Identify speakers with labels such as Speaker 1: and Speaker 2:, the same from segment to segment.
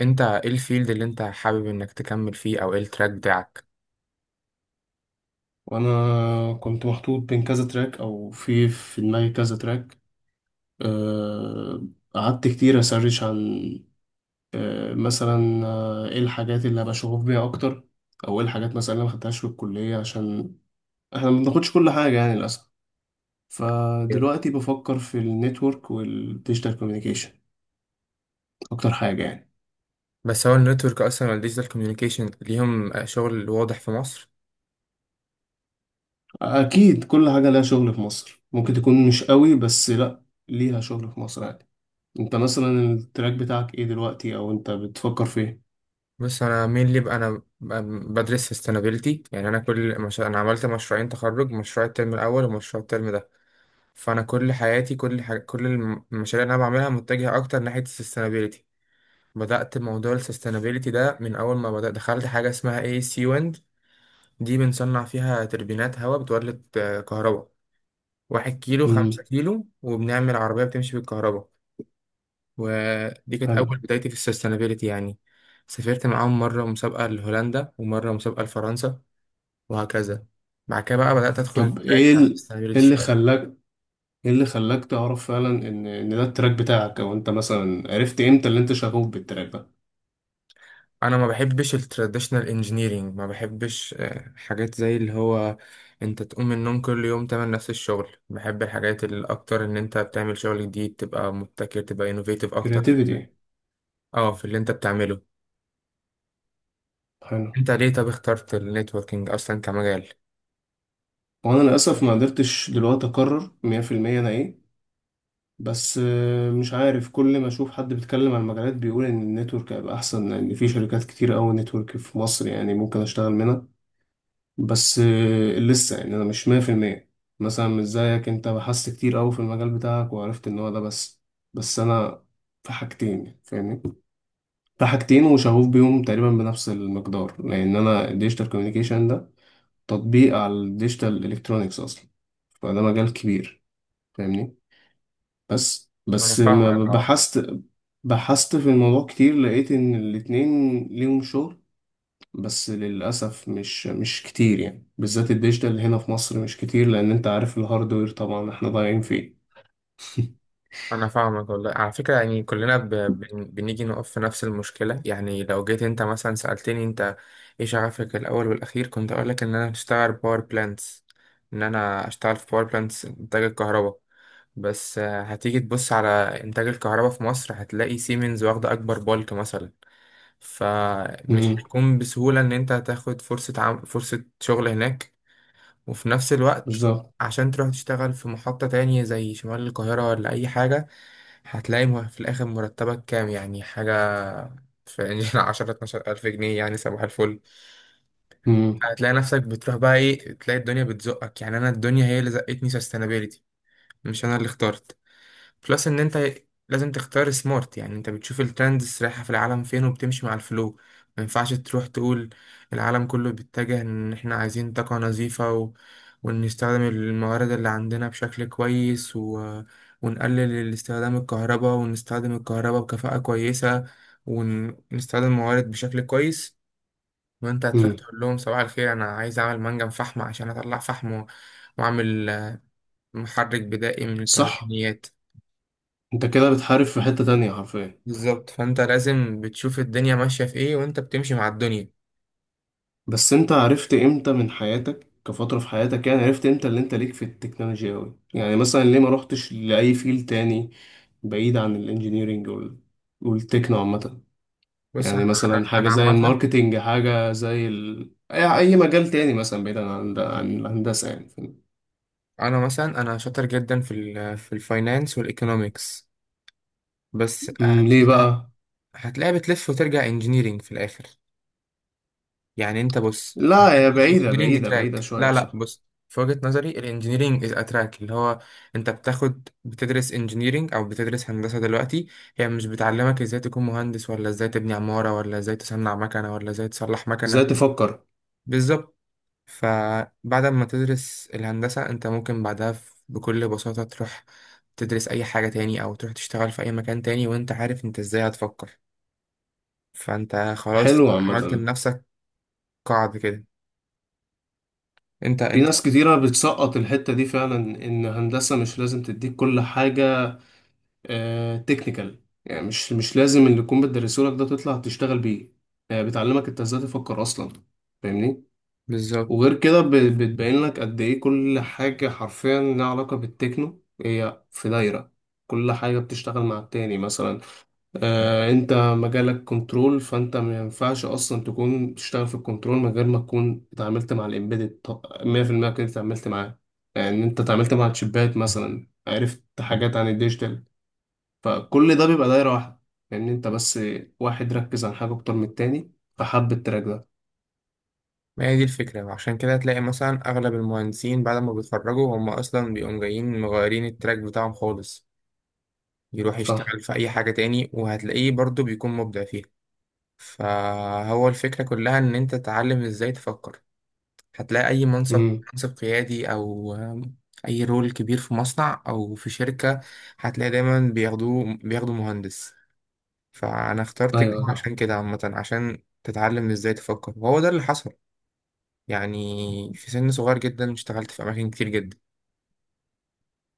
Speaker 1: انت ايه الفيلد اللي انت حابب انك تكمل فيه او ايه التراك بتاعك؟
Speaker 2: وانا كنت محطوط بين كذا تراك او في دماغي كذا تراك. أه، قعدت كتير اسرش عن مثلا ايه الحاجات اللي هبقى شغوف بيها اكتر، او ايه الحاجات مثلا اللي ما خدتهاش في الكليه، عشان احنا ما بناخدش كل حاجه يعني للاسف.
Speaker 1: أيوة.
Speaker 2: فدلوقتي بفكر في النتورك والديجيتال كوميونيكيشن اكتر حاجه يعني.
Speaker 1: بس هو النتورك اصلا والديجيتال كوميونيكيشن ليهم شغل واضح في مصر؟
Speaker 2: اكيد كل حاجه لها شغل في مصر، ممكن تكون مش قوي بس لا، ليها شغل في مصر عادي. انت مثلا التراك بتاعك ايه دلوقتي، او انت بتفكر في ايه؟
Speaker 1: بس انا مين اللي بقى انا؟ بدرس سستينابيلتي، يعني انا كل مش... انا عملت مشروعين تخرج، مشروع الترم الاول ومشروع الترم ده. فانا كل حياتي المشاريع اللي انا بعملها متجهه اكتر ناحيه السستينابيلتي. بدات موضوع السستينابيلتي ده من اول ما بدات دخلت حاجه اسمها اي سي ويند. دي بنصنع فيها توربينات هواء بتولد كهرباء، 1 كيلو خمسة
Speaker 2: امم.
Speaker 1: كيلو وبنعمل عربية بتمشي بالكهرباء. ودي كانت
Speaker 2: حلو.
Speaker 1: أول بدايتي في السستينابيلتي يعني. سافرت معاهم مرة مسابقة لهولندا ومرة مسابقة لفرنسا وهكذا. بعد كده بقى بدأت أدخل
Speaker 2: طب
Speaker 1: التراك
Speaker 2: ايه
Speaker 1: بتاع
Speaker 2: إيه
Speaker 1: السستينابيلتي
Speaker 2: اللي
Speaker 1: شوية.
Speaker 2: خلاك، ايه اللي خلاك تعرف فعلا ان ده التراك بتاعك، او انت مثلا عرفت امتى اللي انت شغوف بالتراك ده؟
Speaker 1: أنا ما بحبش التراديشنال انجينيرينج، ما بحبش حاجات زي اللي هو أنت تقوم من النوم كل يوم تعمل نفس الشغل، بحب الحاجات اللي أكتر إن أنت بتعمل شغل جديد، تبقى مبتكر، تبقى انوفيتيف أكتر في.
Speaker 2: كرياتيفيتي.
Speaker 1: اه، في اللي انت بتعمله.
Speaker 2: حلو.
Speaker 1: انت ليه طب اخترت النتوركينج اصلا كمجال؟
Speaker 2: وانا للاسف ما قدرتش دلوقتي اقرر 100% انا ايه. بس مش عارف، كل ما اشوف حد بيتكلم عن المجالات بيقول ان النتورك هيبقى احسن، لان في شركات كتير قوي نتورك في مصر، يعني ممكن اشتغل منها. بس لسه يعني انا مش 100%. مثلا مش زيك انت بحثت كتير قوي في المجال بتاعك وعرفت ان هو ده بس. بس انا في حاجتين، يعني فاهمني؟ في حاجتين وشغوف بيهم تقريبا بنفس المقدار، لان انا الديجيتال كوميونيكيشن ده تطبيق على الديجيتال الكترونيكس اصلا، فده مجال كبير، فاهمني؟ بس
Speaker 1: انا
Speaker 2: بس ما
Speaker 1: فاهمك اه.
Speaker 2: بحثت بحثت في الموضوع كتير، لقيت ان الاتنين ليهم شغل. بس للأسف مش كتير، يعني بالذات الديجيتال هنا في مصر مش كتير، لأن أنت عارف الهاردوير طبعا احنا ضايعين فيه.
Speaker 1: انا فاهمك والله، على فكره يعني كلنا بنيجي نقف في نفس المشكله. يعني لو جيت انت مثلا سالتني انت ايه شغفك الاول والاخير، كنت اقول لك ان انا اشتغل باور بلانتس، ان انا اشتغل في باور بلانتس انتاج الكهرباء. بس هتيجي تبص على انتاج الكهرباء في مصر، هتلاقي سيمنز واخده اكبر بالك مثلا. فمش
Speaker 2: امم.
Speaker 1: هيكون بسهوله ان انت هتاخد فرصه شغل هناك. وفي نفس الوقت
Speaker 2: بالظبط.
Speaker 1: عشان تروح تشتغل في محطة تانية زي شمال القاهرة ولا أي حاجة، هتلاقي في الآخر مرتبك كام يعني حاجة. في إنجيل 10 12,000 جنيه، يعني صباح الفل.
Speaker 2: امم.
Speaker 1: هتلاقي نفسك بتروح بقى إيه، تلاقي الدنيا بتزقك، يعني أنا الدنيا هي اللي زقتني sustainability، مش أنا اللي اخترت. بلس ان انت لازم تختار سمارت، يعني انت بتشوف الترندز رايحة في العالم فين وبتمشي مع الفلو. ما ينفعش تروح تقول العالم كله بيتجه ان احنا عايزين طاقة نظيفة، و... وان نستخدم الموارد اللي عندنا بشكل كويس، و... ونقلل استخدام الكهرباء ونستخدم الكهرباء بكفاءة كويسة، ونستخدم الموارد بشكل كويس، وانت هتروح
Speaker 2: امم.
Speaker 1: تقول لهم صباح الخير انا عايز اعمل منجم فحم عشان اطلع فحم واعمل محرك بدائي من
Speaker 2: صح.
Speaker 1: التمكنيات.
Speaker 2: أنت كده بتحارب في حتة تانية حرفيا.
Speaker 1: بالظبط، فانت لازم بتشوف الدنيا ماشيه في ايه وانت بتمشي مع الدنيا.
Speaker 2: بس أنت عرفت إمتى من حياتك، كفترة في حياتك يعني، عرفت إمتى اللي أنت ليك في التكنولوجيا أوي، يعني مثلا ليه ما روحتش لأي فيل تاني بعيد عن الإنجينيرينج والتكنو عامة؟
Speaker 1: بص
Speaker 2: يعني
Speaker 1: انا.
Speaker 2: مثلا
Speaker 1: انا
Speaker 2: حاجة
Speaker 1: أنا
Speaker 2: زي
Speaker 1: عامه،
Speaker 2: الماركتينج، حاجة زي أي مجال تاني مثلا، بعيدا عن الهندسة، يعني فاهم؟
Speaker 1: انا شاطر جدا في الفاينانس والايكونومكس. بس
Speaker 2: أمم، ليه
Speaker 1: هتيجي،
Speaker 2: بقى؟
Speaker 1: هتلاقي بتلف وترجع انجينيرينج في الاخر. يعني انت بص،
Speaker 2: لا، هي بعيدة
Speaker 1: الانجينيرينج
Speaker 2: بعيدة بعيدة
Speaker 1: تراك،
Speaker 2: شوية
Speaker 1: لا لا،
Speaker 2: بصراحة.
Speaker 1: بص، في وجهه نظري الانجينيرينج از اتراك اللي هو انت بتدرس انجينيرينج او بتدرس هندسه دلوقتي، هي مش بتعلمك ازاي تكون مهندس، ولا ازاي تبني عماره، ولا ازاي تصنع مكنه، ولا ازاي تصلح مكنه.
Speaker 2: إزاي تفكر؟
Speaker 1: بالظبط. فبعد ما تدرس الهندسة انت ممكن بعدها بكل بساطة تروح تدرس أي حاجة تاني، أو تروح تشتغل في أي مكان تاني، وانت عارف انت ازاي هتفكر. فانت خلاص
Speaker 2: حلو
Speaker 1: عملت
Speaker 2: عامة.
Speaker 1: لنفسك قاعدة كده، انت
Speaker 2: في
Speaker 1: انت
Speaker 2: ناس كتيرة بتسقط الحتة دي فعلا، إن هندسة مش لازم تديك كل حاجة آه تكنيكال، يعني مش لازم اللي يكون بتدرسهولك ده تطلع تشتغل بيه. هي بتعلمك أنت إزاي تفكر أصلا، فاهمني؟
Speaker 1: بالظبط،
Speaker 2: وغير كده بتبين لك قد ايه كل حاجة حرفيا لها علاقة بالتكنو، هي في دايرة. كل حاجة بتشتغل مع التاني. مثلا آه، انت مجالك كنترول، فانت ما ينفعش اصلا تكون تشتغل في الكنترول من غير ما تكون اتعاملت مع الامبيدد. 100% كنت اتعاملت معاه. يعني انت اتعاملت مع الشبات مثلا، عرفت حاجات عن الديجيتال. فكل ده بيبقى دايرة واحدة، لان يعني انت بس واحد ركز على حاجة اكتر من التاني. فحب التراك ده.
Speaker 1: ما هي دي الفكرة، عشان كده تلاقي مثلا أغلب المهندسين بعد ما بيتخرجوا هم أصلا بيقوم جايين مغيرين التراك بتاعهم خالص، يروح
Speaker 2: صح.
Speaker 1: يشتغل في أي حاجة تاني وهتلاقيه برضو بيكون مبدع فيها. فهو الفكرة كلها إن أنت تتعلم إزاي تفكر. هتلاقي أي منصب،
Speaker 2: امم.
Speaker 1: منصب قيادي، أو أي رول كبير في مصنع أو في شركة، هتلاقي دايما بياخدوا مهندس. فأنا اخترت الجامعة
Speaker 2: ايوه.
Speaker 1: عشان كده عامة، عشان تتعلم إزاي تفكر، وهو ده اللي حصل. يعني في سن صغير جدا اشتغلت في أماكن كتير جدا،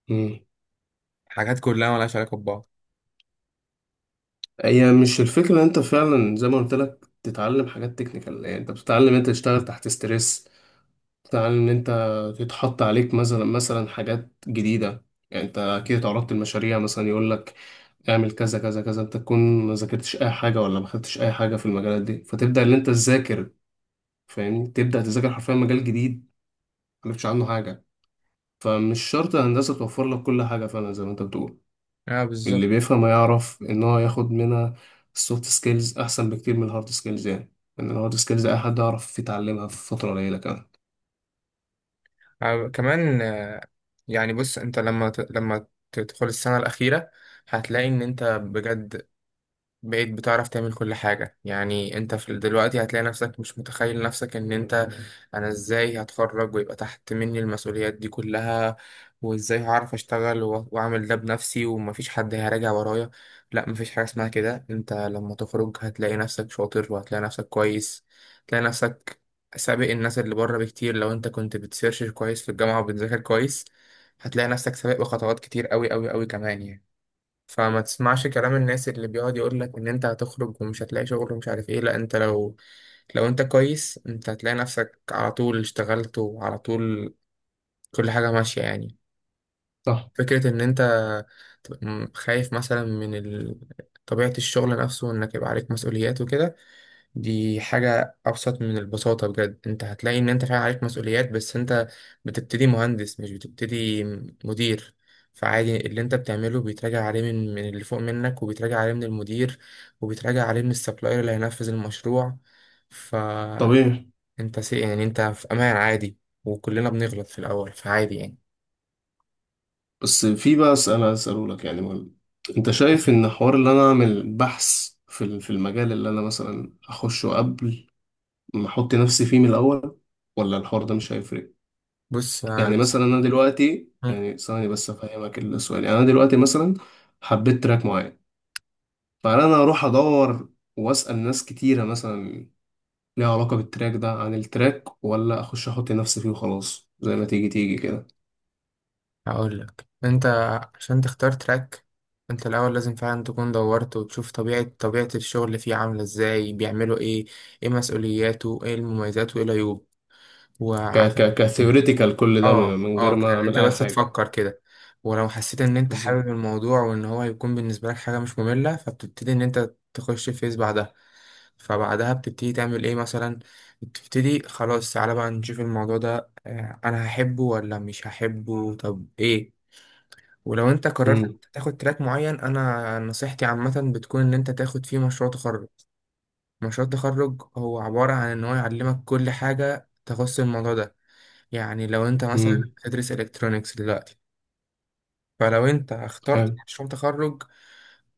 Speaker 2: صح.
Speaker 1: حاجات كلها ملهاش علاقة ببعض.
Speaker 2: هي مش الفكرة ان انت فعلا زي ما قلت لك تتعلم حاجات تكنيكال، يعني انت بتتعلم انت تشتغل تحت ستريس، بتتعلم ان انت تتحط عليك مثلا حاجات جديدة. يعني انت اكيد اتعرضت لمشاريع، مثلا يقول لك اعمل كذا كذا كذا، انت تكون ما ذاكرتش اي حاجة ولا ما خدتش اي حاجة في المجالات دي، فتبدأ ان انت تذاكر. فاهمني؟ تبدأ تذاكر حرفيا مجال جديد ما عرفتش عنه حاجة. فمش شرط الهندسة توفر لك كل حاجة، فعلا زي ما انت بتقول.
Speaker 1: اه،
Speaker 2: اللي
Speaker 1: بالظبط.
Speaker 2: بيفهم هيعرف ان هو ياخد منها السوفت سكيلز احسن بكتير من الهارد سكيلز، يعني ان الهارد سكيلز اي حد يعرف يتعلمها في فتره قليله كمان.
Speaker 1: آه كمان. يعني بص انت لما تدخل السنة الأخيرة هتلاقي إن أنت بجد بقيت بتعرف تعمل كل حاجة. يعني انت في دلوقتي هتلاقي نفسك مش متخيل نفسك ان انت، انا ازاي هتخرج ويبقى تحت مني المسؤوليات دي كلها، وازاي هعرف اشتغل واعمل ده بنفسي ومفيش حد هيراجع ورايا. لا، مفيش حاجة اسمها كده، انت لما تخرج هتلاقي نفسك شاطر وهتلاقي نفسك كويس. هتلاقي نفسك سابق الناس اللي بره بكتير. لو انت كنت بتسيرش كويس في الجامعة وبتذاكر كويس هتلاقي نفسك سابق بخطوات كتير قوي قوي قوي كمان يعني. فما تسمعش كلام الناس اللي بيقعد يقول لك ان انت هتخرج ومش هتلاقي شغل ومش عارف ايه، لا، انت لو، لو انت كويس انت هتلاقي نفسك على طول اشتغلت، وعلى طول كل حاجة ماشية يعني.
Speaker 2: صح.
Speaker 1: فكرة إن أنت تبقى خايف مثلا طبيعة الشغل نفسه وإنك يبقى عليك مسؤوليات وكده، دي حاجة أبسط من البساطة بجد. أنت هتلاقي إن أنت فعلا عليك مسؤوليات، بس أنت بتبتدي مهندس، مش بتبتدي مدير. فعادي اللي أنت بتعمله بيتراجع عليه من اللي فوق منك، وبيتراجع عليه من المدير، وبيتراجع عليه من السبلاير اللي هينفذ المشروع. فأنت
Speaker 2: طبيعي.
Speaker 1: سي يعني أنت في أمان عادي، وكلنا بنغلط في الأول، فعادي يعني.
Speaker 2: بس في بقى اسال اساله لك يعني مهم. انت شايف ان حوار اللي انا اعمل بحث في المجال اللي انا مثلا اخشه قبل ما احط نفسي فيه من الاول، ولا الحوار ده مش هيفرق؟
Speaker 1: بص أنا
Speaker 2: يعني مثلا انا دلوقتي، يعني ثواني بس افهمك السؤال، يعني انا دلوقتي مثلا حبيت تراك معين، فانا أنا اروح ادور واسال ناس كتيره مثلا ليها علاقه بالتراك ده عن التراك، ولا اخش احط نفسي فيه وخلاص زي ما تيجي تيجي كده؟
Speaker 1: هقول لك، انت عشان تختار تراك انت الاول لازم فعلا تكون دورت وتشوف طبيعة الشغل اللي فيه عاملة ازاي، بيعملوا ايه، ايه مسؤولياته، ايه المميزات وايه العيوب.
Speaker 2: ك
Speaker 1: وعشان
Speaker 2: ك كثيوريتيكال كل ده من
Speaker 1: اه
Speaker 2: من غير
Speaker 1: اه،
Speaker 2: ما
Speaker 1: كان
Speaker 2: اعمل
Speaker 1: انت
Speaker 2: اي
Speaker 1: بس
Speaker 2: حاجه.
Speaker 1: تفكر كده، ولو حسيت ان انت
Speaker 2: بالظبط.
Speaker 1: حابب الموضوع وان هو هيكون بالنسبة لك حاجة مش مملة فبتبتدي ان انت تخش فيس بعدها. فبعدها بتبتدي تعمل ايه مثلا؟ بتبتدي خلاص تعالى بقى نشوف الموضوع ده، انا هحبه ولا مش هحبه طب ايه. ولو انت قررت
Speaker 2: امم.
Speaker 1: تاخد تراك معين انا نصيحتي عامة بتكون ان انت تاخد فيه مشروع تخرج. مشروع التخرج هو عبارة عن ان هو يعلمك كل حاجة تخص الموضوع ده. يعني لو انت مثلا
Speaker 2: امم.
Speaker 1: بتدرس الكترونيكس دلوقتي، فلو انت اخترت
Speaker 2: حلو.
Speaker 1: مشروع تخرج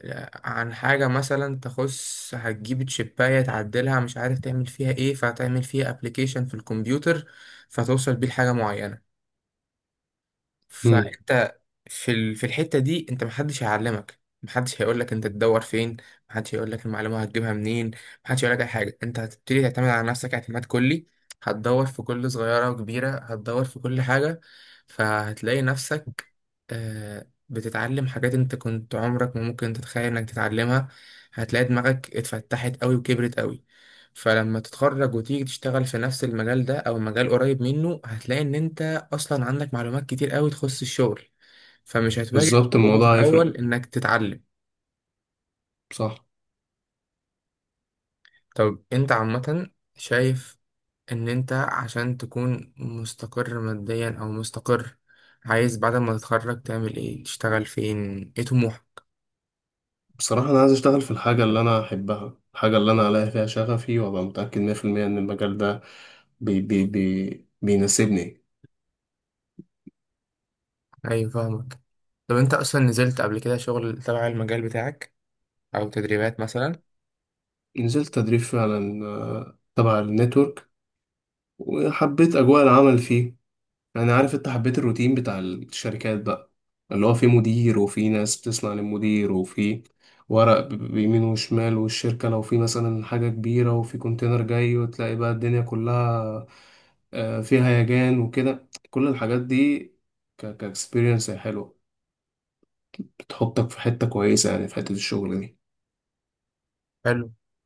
Speaker 1: عن حاجة مثلا تخص، هتجيب تشيباية تعدلها مش عارف تعمل فيها ايه، فهتعمل فيها ابلكيشن في الكمبيوتر فتوصل بيه لحاجة معينة.
Speaker 2: امم.
Speaker 1: فانت في الحتة دي انت، محدش هيعلمك، محدش هيقولك انت تدور فين، محدش هيقولك المعلومة هتجيبها منين، محدش هيقولك اي حاجة، انت هتبتدي تعتمد على نفسك اعتماد كلي، هتدور في كل صغيرة وكبيرة، هتدور في كل حاجة. فهتلاقي نفسك بتتعلم حاجات انت كنت عمرك ما ممكن تتخيل انك تتعلمها. هتلاقي دماغك اتفتحت قوي وكبرت قوي. فلما تتخرج وتيجي تشتغل في نفس المجال ده او مجال قريب منه هتلاقي ان انت اصلا عندك معلومات كتير قوي تخص الشغل، فمش هتواجه
Speaker 2: بالظبط
Speaker 1: صعوبة في
Speaker 2: الموضوع هيفرق.
Speaker 1: الأول إنك تتعلم.
Speaker 2: صح.
Speaker 1: طب أنت عامة، شايف إن أنت عشان تكون مستقر ماديا أو مستقر، عايز بعد ما تتخرج تعمل إيه، تشتغل فين، إيه طموحك؟
Speaker 2: بصراحه انا عايز اشتغل في الحاجه اللي انا احبها، الحاجه اللي انا الاقي فيها شغفي وابقى متاكد 100% ان المجال ده بي بي بي بيناسبني.
Speaker 1: أيوة فاهمك. طب أنت أصلا نزلت قبل كده شغل تبع المجال بتاعك، أو تدريبات مثلا؟
Speaker 2: نزلت تدريب فعلا تبع النتورك، وحبيت أجواء العمل فيه. يعني عارف، أنت حبيت الروتين بتاع الشركات بقى، اللي هو فيه مدير وفيه ناس بتسمع للمدير، وفيه ورق بيمين وشمال، والشركة لو في مثلا حاجة كبيرة وفي كونتينر جاي، وتلاقي بقى الدنيا كلها فيها هيجان وكده، كل الحاجات دي كاكسبيرينس حلوة، بتحطك في حتة كويسة، يعني في حتة الشغل دي.
Speaker 1: حلو.